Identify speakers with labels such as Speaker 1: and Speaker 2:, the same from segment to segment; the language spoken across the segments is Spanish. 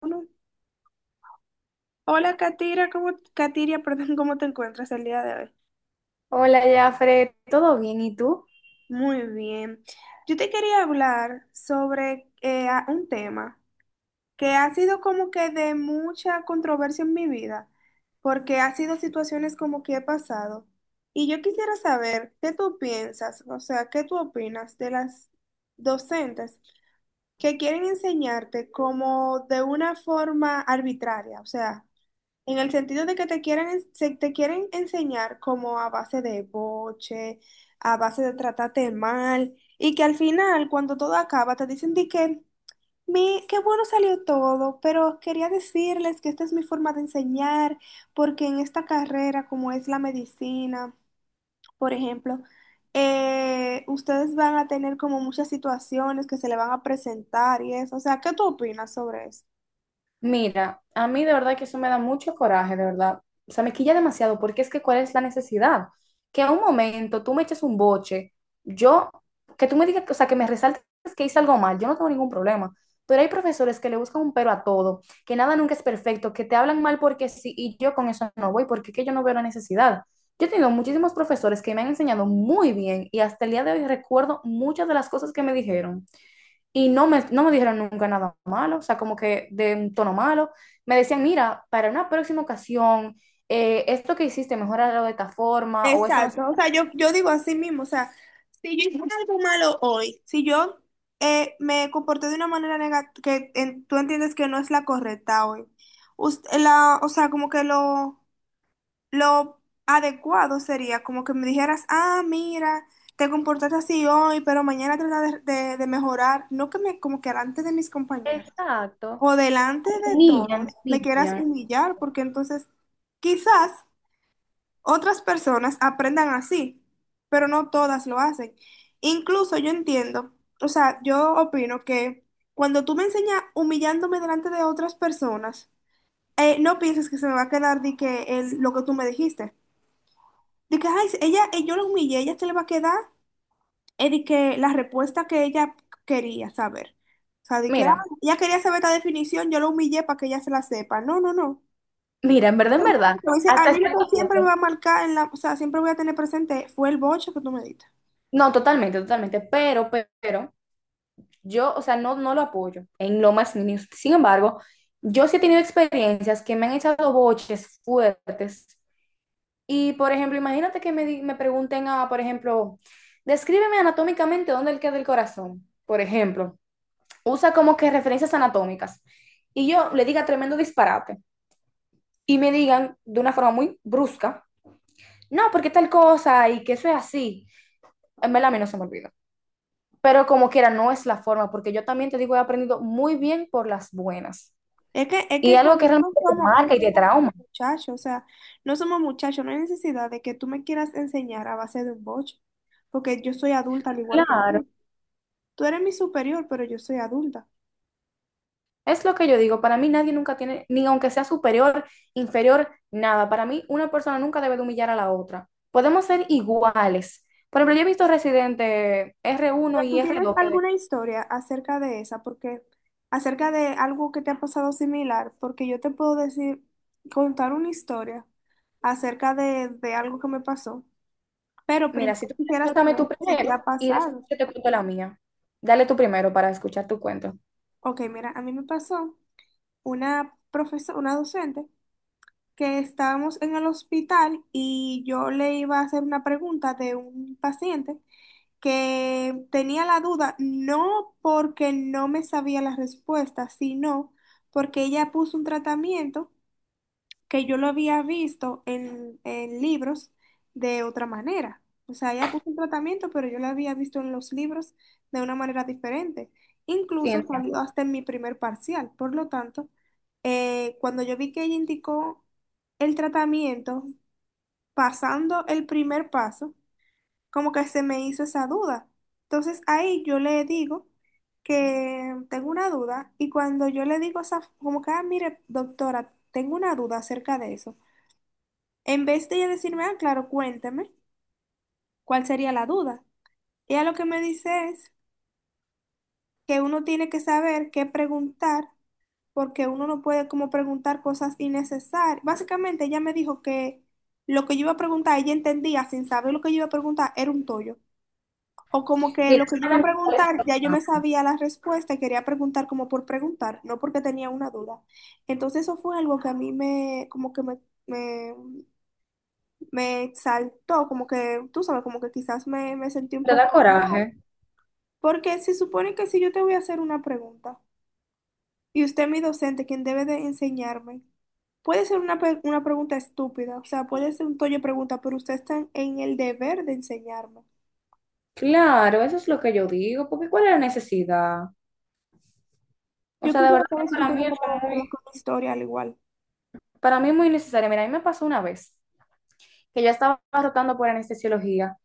Speaker 1: Uno. Hola, Katira, ¿cómo, Katiria, perdón, ¿cómo te encuentras el día de hoy?
Speaker 2: Hola, Jafre, ¿todo bien? ¿Y tú?
Speaker 1: Muy bien. Yo te quería hablar sobre un tema que ha sido como que de mucha controversia en mi vida, porque ha sido situaciones como que he pasado. Y yo quisiera saber qué tú piensas, o sea, qué tú opinas de las docentes que quieren enseñarte como de una forma arbitraria, o sea. En el sentido de que te quieren, se te quieren enseñar como a base de boche, a base de tratarte mal, y que al final, cuando todo acaba, te dicen de que, mi, qué bueno salió todo, pero quería decirles que esta es mi forma de enseñar, porque en esta carrera, como es la medicina, por ejemplo, ustedes van a tener como muchas situaciones que se le van a presentar y eso. O sea, ¿qué tú opinas sobre eso?
Speaker 2: Mira, a mí de verdad que eso me da mucho coraje, de verdad. O sea, me quilla demasiado porque es que ¿cuál es la necesidad? Que a un momento tú me eches un boche, yo, que tú me digas, o sea, que me resaltes que hice algo mal, yo no tengo ningún problema. Pero hay profesores que le buscan un pero a todo, que nada nunca es perfecto, que te hablan mal porque sí, y yo con eso no voy, porque es que yo no veo la necesidad. Yo he tenido muchísimos profesores que me han enseñado muy bien y hasta el día de hoy recuerdo muchas de las cosas que me dijeron. Y no me dijeron nunca nada malo, o sea, como que de un tono malo. Me decían, mira, para una próxima ocasión, esto que hiciste, mejorarlo de esta forma, o eso no sé.
Speaker 1: Exacto, o sea, yo digo así mismo, o sea, si yo hice algo malo hoy, si yo me comporté de una manera negativa, que tú entiendes que no es la correcta hoy, o sea, lo adecuado sería como que me dijeras, ah, mira, te comportaste así hoy, pero mañana trata de mejorar, no que me, como que delante de mis compañeros
Speaker 2: Exacto.
Speaker 1: o delante
Speaker 2: Te
Speaker 1: de
Speaker 2: humillan,
Speaker 1: todos me quieras
Speaker 2: humillan.
Speaker 1: humillar, porque entonces quizás... Otras personas aprendan así, pero no todas lo hacen. Incluso yo entiendo, o sea, yo opino que cuando tú me enseñas humillándome delante de otras personas, no pienses que se me va a quedar de que lo que tú me dijiste. De que, ay, sí, ella, yo la humillé, ella se le va a quedar de que la respuesta que ella quería saber. O sea, de que, ah,
Speaker 2: Mira,
Speaker 1: ella quería saber esta definición, yo la humillé para que ella se la sepa. No, no, no.
Speaker 2: mira, en verdad,
Speaker 1: Entonces, a
Speaker 2: hasta
Speaker 1: mí lo
Speaker 2: cierto
Speaker 1: que siempre me va
Speaker 2: punto.
Speaker 1: a marcar, en la, o sea, siempre voy a tener presente fue el boche que tú me diste.
Speaker 2: No, totalmente, totalmente, pero, yo, o sea, no, no lo apoyo en lo más mínimo. Sin embargo, yo sí he tenido experiencias que me han echado boches fuertes. Y, por ejemplo, imagínate que me, me pregunten a, por ejemplo, descríbeme anatómicamente dónde queda el corazón, por ejemplo. Usa como que referencias anatómicas. Y yo le diga tremendo disparate. Y me digan de una forma muy brusca, no, porque tal cosa y que eso es así. En verdad, a mí no se me olvida. Pero como quiera, no es la forma, porque yo también te digo, he aprendido muy bien por las buenas.
Speaker 1: Es que, es
Speaker 2: Y
Speaker 1: que
Speaker 2: algo que
Speaker 1: también no
Speaker 2: realmente te
Speaker 1: somos, no
Speaker 2: marca y te
Speaker 1: somos
Speaker 2: trauma.
Speaker 1: muchachos, o sea, no somos muchachos, no hay necesidad de que tú me quieras enseñar a base de un boche, porque yo soy adulta al igual que
Speaker 2: Claro.
Speaker 1: tú. Tú eres mi superior, pero yo soy adulta.
Speaker 2: Es lo que yo digo, para mí nadie nunca tiene, ni aunque sea superior, inferior, nada. Para mí una persona nunca debe de humillar a la otra. Podemos ser iguales. Por ejemplo, yo he visto residente R1
Speaker 1: Pero
Speaker 2: y
Speaker 1: tú
Speaker 2: r
Speaker 1: tienes
Speaker 2: dos que,
Speaker 1: alguna historia acerca de esa, porque acerca de algo que te ha pasado similar, porque yo te puedo decir, contar una historia acerca de algo que me pasó. Pero
Speaker 2: mira,
Speaker 1: primero
Speaker 2: si tú quieres,
Speaker 1: quisiera
Speaker 2: cuéntame
Speaker 1: saber
Speaker 2: tu
Speaker 1: si te ha
Speaker 2: primero y después
Speaker 1: pasado.
Speaker 2: yo te cuento la mía. Dale tu primero para escuchar tu cuento.
Speaker 1: Ok, mira, a mí me pasó una profesora, una docente que estábamos en el hospital y yo le iba a hacer una pregunta de un paciente que tenía la duda, no porque no me sabía la respuesta, sino porque ella puso un tratamiento que yo lo había visto en libros de otra manera. O sea, ella puso un tratamiento, pero yo lo había visto en los libros de una manera diferente. Incluso
Speaker 2: Ciencia.
Speaker 1: salió hasta en mi primer parcial. Por lo tanto, cuando yo vi que ella indicó el tratamiento, pasando el primer paso, como que se me hizo esa duda. Entonces ahí yo le digo que tengo una duda y cuando yo le digo esa, como que, ah, mire, doctora, tengo una duda acerca de eso. En vez de ella decirme, ah, claro, cuéntame, ¿cuál sería la duda? Ella lo que me dice es que uno tiene que saber qué preguntar, porque uno no puede como preguntar cosas innecesarias. Básicamente ella me dijo que lo que yo iba a preguntar, ella entendía sin saber lo que yo iba a preguntar, era un tollo. O como que
Speaker 2: Mira,
Speaker 1: lo
Speaker 2: eso
Speaker 1: que yo iba
Speaker 2: es
Speaker 1: a
Speaker 2: me molesta.
Speaker 1: preguntar, ya yo me
Speaker 2: Bastante.
Speaker 1: sabía la respuesta y quería preguntar como por preguntar, no porque tenía una duda. Entonces eso fue algo que a mí me, como que me, me exaltó, como que, tú sabes, como que quizás me sentí un
Speaker 2: ¿Te da
Speaker 1: poco mal,
Speaker 2: coraje?
Speaker 1: porque se supone que si yo te voy a hacer una pregunta y usted, mi docente, quien debe de enseñarme, puede ser una, una pregunta estúpida, o sea, puede ser un toyo de pregunta, pero usted está en el deber de enseñarme.
Speaker 2: Claro, eso es lo que yo digo, porque ¿cuál es la necesidad? O
Speaker 1: Yo
Speaker 2: sea, de
Speaker 1: quisiera
Speaker 2: verdad
Speaker 1: saber
Speaker 2: que
Speaker 1: si tú
Speaker 2: para mí
Speaker 1: tienes
Speaker 2: eso es
Speaker 1: como, como
Speaker 2: muy,
Speaker 1: que una historia al igual,
Speaker 2: para mí es muy necesario. Mira, a mí me pasó una vez que ya estaba rotando por anestesiología.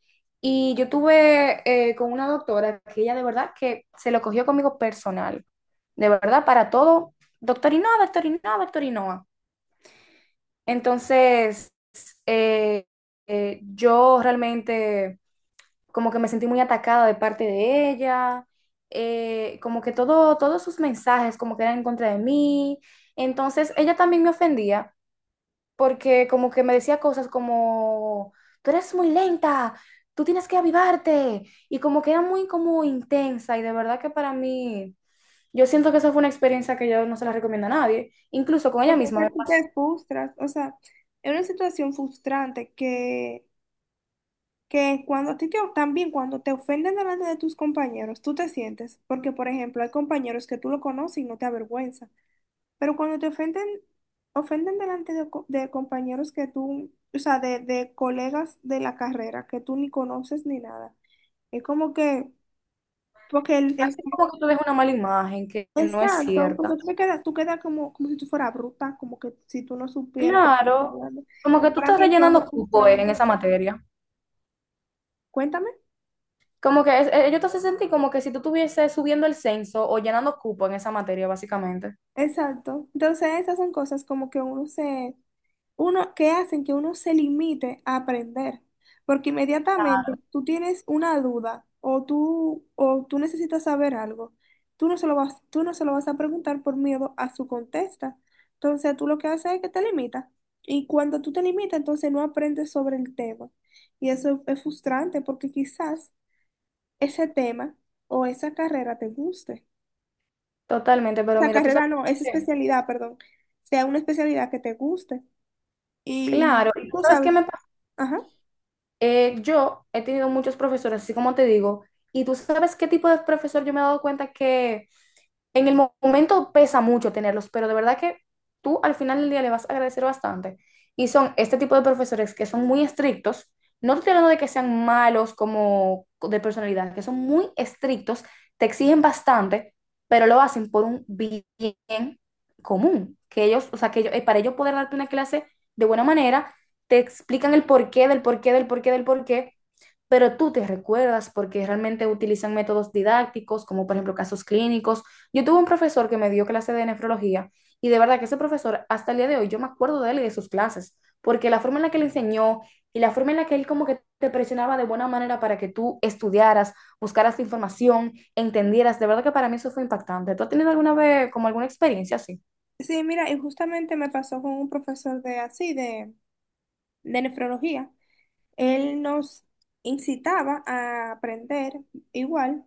Speaker 2: Y yo tuve Con una doctora que ella de verdad que se lo cogió conmigo personal. De verdad, para todo, doctor Inoa, doctor Inoa, doctor Inoa. Entonces, eh, yo realmente como que me sentí muy atacada de parte de ella, como que todo, todos sus mensajes como que eran en contra de mí. Entonces, ella también me ofendía porque como que me decía cosas como, tú eres muy lenta, tú tienes que avivarte, y como que era muy como intensa, y de verdad que para mí, yo siento que esa fue una experiencia que yo no se la recomiendo a nadie, incluso con ella
Speaker 1: porque o
Speaker 2: misma
Speaker 1: sea,
Speaker 2: me
Speaker 1: tú
Speaker 2: pasó,
Speaker 1: te frustras, o sea, es una situación frustrante que cuando a ti te, también cuando te ofenden delante de tus compañeros, tú te sientes, porque por ejemplo hay compañeros que tú lo conoces y no te avergüenza, pero cuando te ofenden, ofenden delante de, de compañeros que tú, o sea, de colegas de la carrera que tú ni conoces ni nada, es como que, porque el
Speaker 2: así como que tú ves una mala imagen que no es
Speaker 1: exacto,
Speaker 2: cierta.
Speaker 1: porque tú te quedas, tú quedas como, como si tú fueras bruta, como que si tú no supieras lo que estás
Speaker 2: Claro,
Speaker 1: hablando.
Speaker 2: como que tú
Speaker 1: Para
Speaker 2: estás
Speaker 1: mí es
Speaker 2: rellenando
Speaker 1: algo
Speaker 2: cupo en
Speaker 1: frustrante.
Speaker 2: esa materia.
Speaker 1: Cuéntame.
Speaker 2: Como que yo te hace sentir como que si tú estuvieses subiendo el censo o llenando cupo en esa materia, básicamente.
Speaker 1: Exacto. Entonces, esas son cosas como que uno se, uno, que hacen que uno se limite a aprender, porque inmediatamente tú tienes una duda o tú necesitas saber algo, tú no se lo vas a preguntar por miedo a su contesta. Entonces tú lo que haces es que te limitas y cuando tú te limitas, entonces no aprendes sobre el tema. Y eso es frustrante porque quizás ese tema o esa carrera te guste.
Speaker 2: Totalmente, pero
Speaker 1: Esa
Speaker 2: mira, ¿tú
Speaker 1: carrera
Speaker 2: sabes
Speaker 1: no, esa
Speaker 2: qué?
Speaker 1: especialidad, perdón, sea una especialidad que te guste. Y
Speaker 2: Claro, ¿y tú
Speaker 1: tú
Speaker 2: sabes
Speaker 1: sabes,
Speaker 2: qué me pasa?
Speaker 1: ajá.
Speaker 2: Yo he tenido muchos profesores, así como te digo, y tú sabes qué tipo de profesor yo me he dado cuenta que en el momento pesa mucho tenerlos, pero de verdad que tú al final del día le vas a agradecer bastante. Y son este tipo de profesores que son muy estrictos. No te estoy hablando de que sean malos como de personalidad, que son muy estrictos, te exigen bastante, pero lo hacen por un bien común. Que ellos, o sea, para ellos poder darte una clase de buena manera, te explican el porqué del porqué del porqué del porqué, pero tú te recuerdas porque realmente utilizan métodos didácticos, como por ejemplo casos clínicos. Yo tuve un profesor que me dio clase de nefrología y de verdad que ese profesor, hasta el día de hoy, yo me acuerdo de él y de sus clases, porque la forma en la que él enseñó y la forma en la que él como que te presionaba de buena manera para que tú estudiaras, buscaras información, entendieras, de verdad que para mí eso fue impactante. ¿Tú has tenido alguna vez como alguna experiencia así?
Speaker 1: Sí, mira, y justamente me pasó con un profesor de así, de nefrología. Él nos incitaba a aprender igual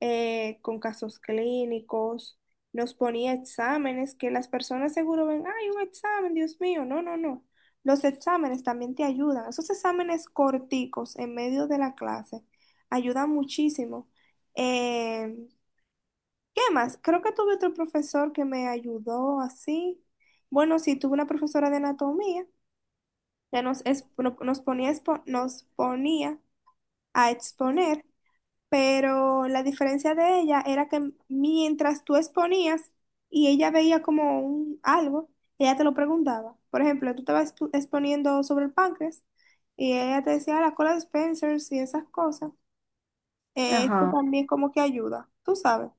Speaker 1: con casos clínicos, nos ponía exámenes que las personas seguro ven, ay, un examen, Dios mío, no, no, no. Los exámenes también te ayudan. Esos exámenes corticos en medio de la clase ayudan muchísimo. eh, ¿Qué más? Creo que tuve otro profesor que me ayudó así. Bueno, sí, tuve una profesora de anatomía que nos, nos ponía, nos ponía a exponer, pero la diferencia de ella era que mientras tú exponías y ella veía como un, algo, ella te lo preguntaba. Por ejemplo, tú estabas exponiendo sobre el páncreas y ella te decía: "Ah, la cola de Spencer y esas cosas". Esto
Speaker 2: Ajá.
Speaker 1: también como que ayuda, tú sabes.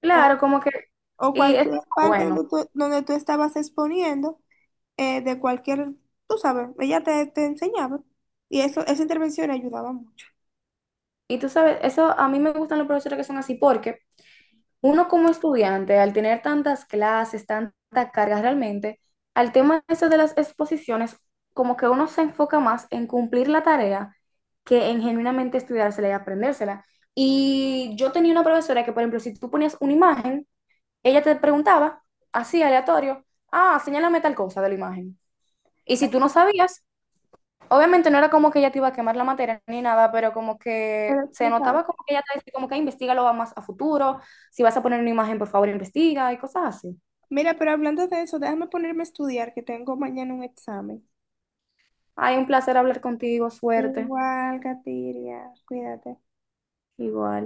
Speaker 2: Claro, como que,
Speaker 1: O
Speaker 2: y eso
Speaker 1: cualquier
Speaker 2: es
Speaker 1: parte
Speaker 2: bueno.
Speaker 1: donde tú estabas exponiendo, de cualquier, tú sabes, ella te enseñaba y eso, esa intervención ayudaba mucho.
Speaker 2: Y tú sabes, eso, a mí me gustan los profesores que son así, porque uno como estudiante, al tener tantas clases, tanta carga realmente, al tema ese de las exposiciones, como que uno se enfoca más en cumplir la tarea que en genuinamente estudiársela y aprendérsela. Y yo tenía una profesora que, por ejemplo, si tú ponías una imagen, ella te preguntaba, así aleatorio, ah, señálame tal cosa de la imagen. Y si tú no sabías, obviamente no era como que ella te iba a quemar la materia ni nada, pero como
Speaker 1: Me
Speaker 2: que
Speaker 1: lo
Speaker 2: se
Speaker 1: explicaba.
Speaker 2: notaba como que ella te decía como que investigalo más a futuro, si vas a poner una imagen, por favor, investiga y cosas así.
Speaker 1: Mira, pero hablando de eso, déjame ponerme a estudiar que tengo mañana un examen.
Speaker 2: Ay, un placer hablar contigo, suerte,
Speaker 1: Igual, Katiria, cuídate.
Speaker 2: igual.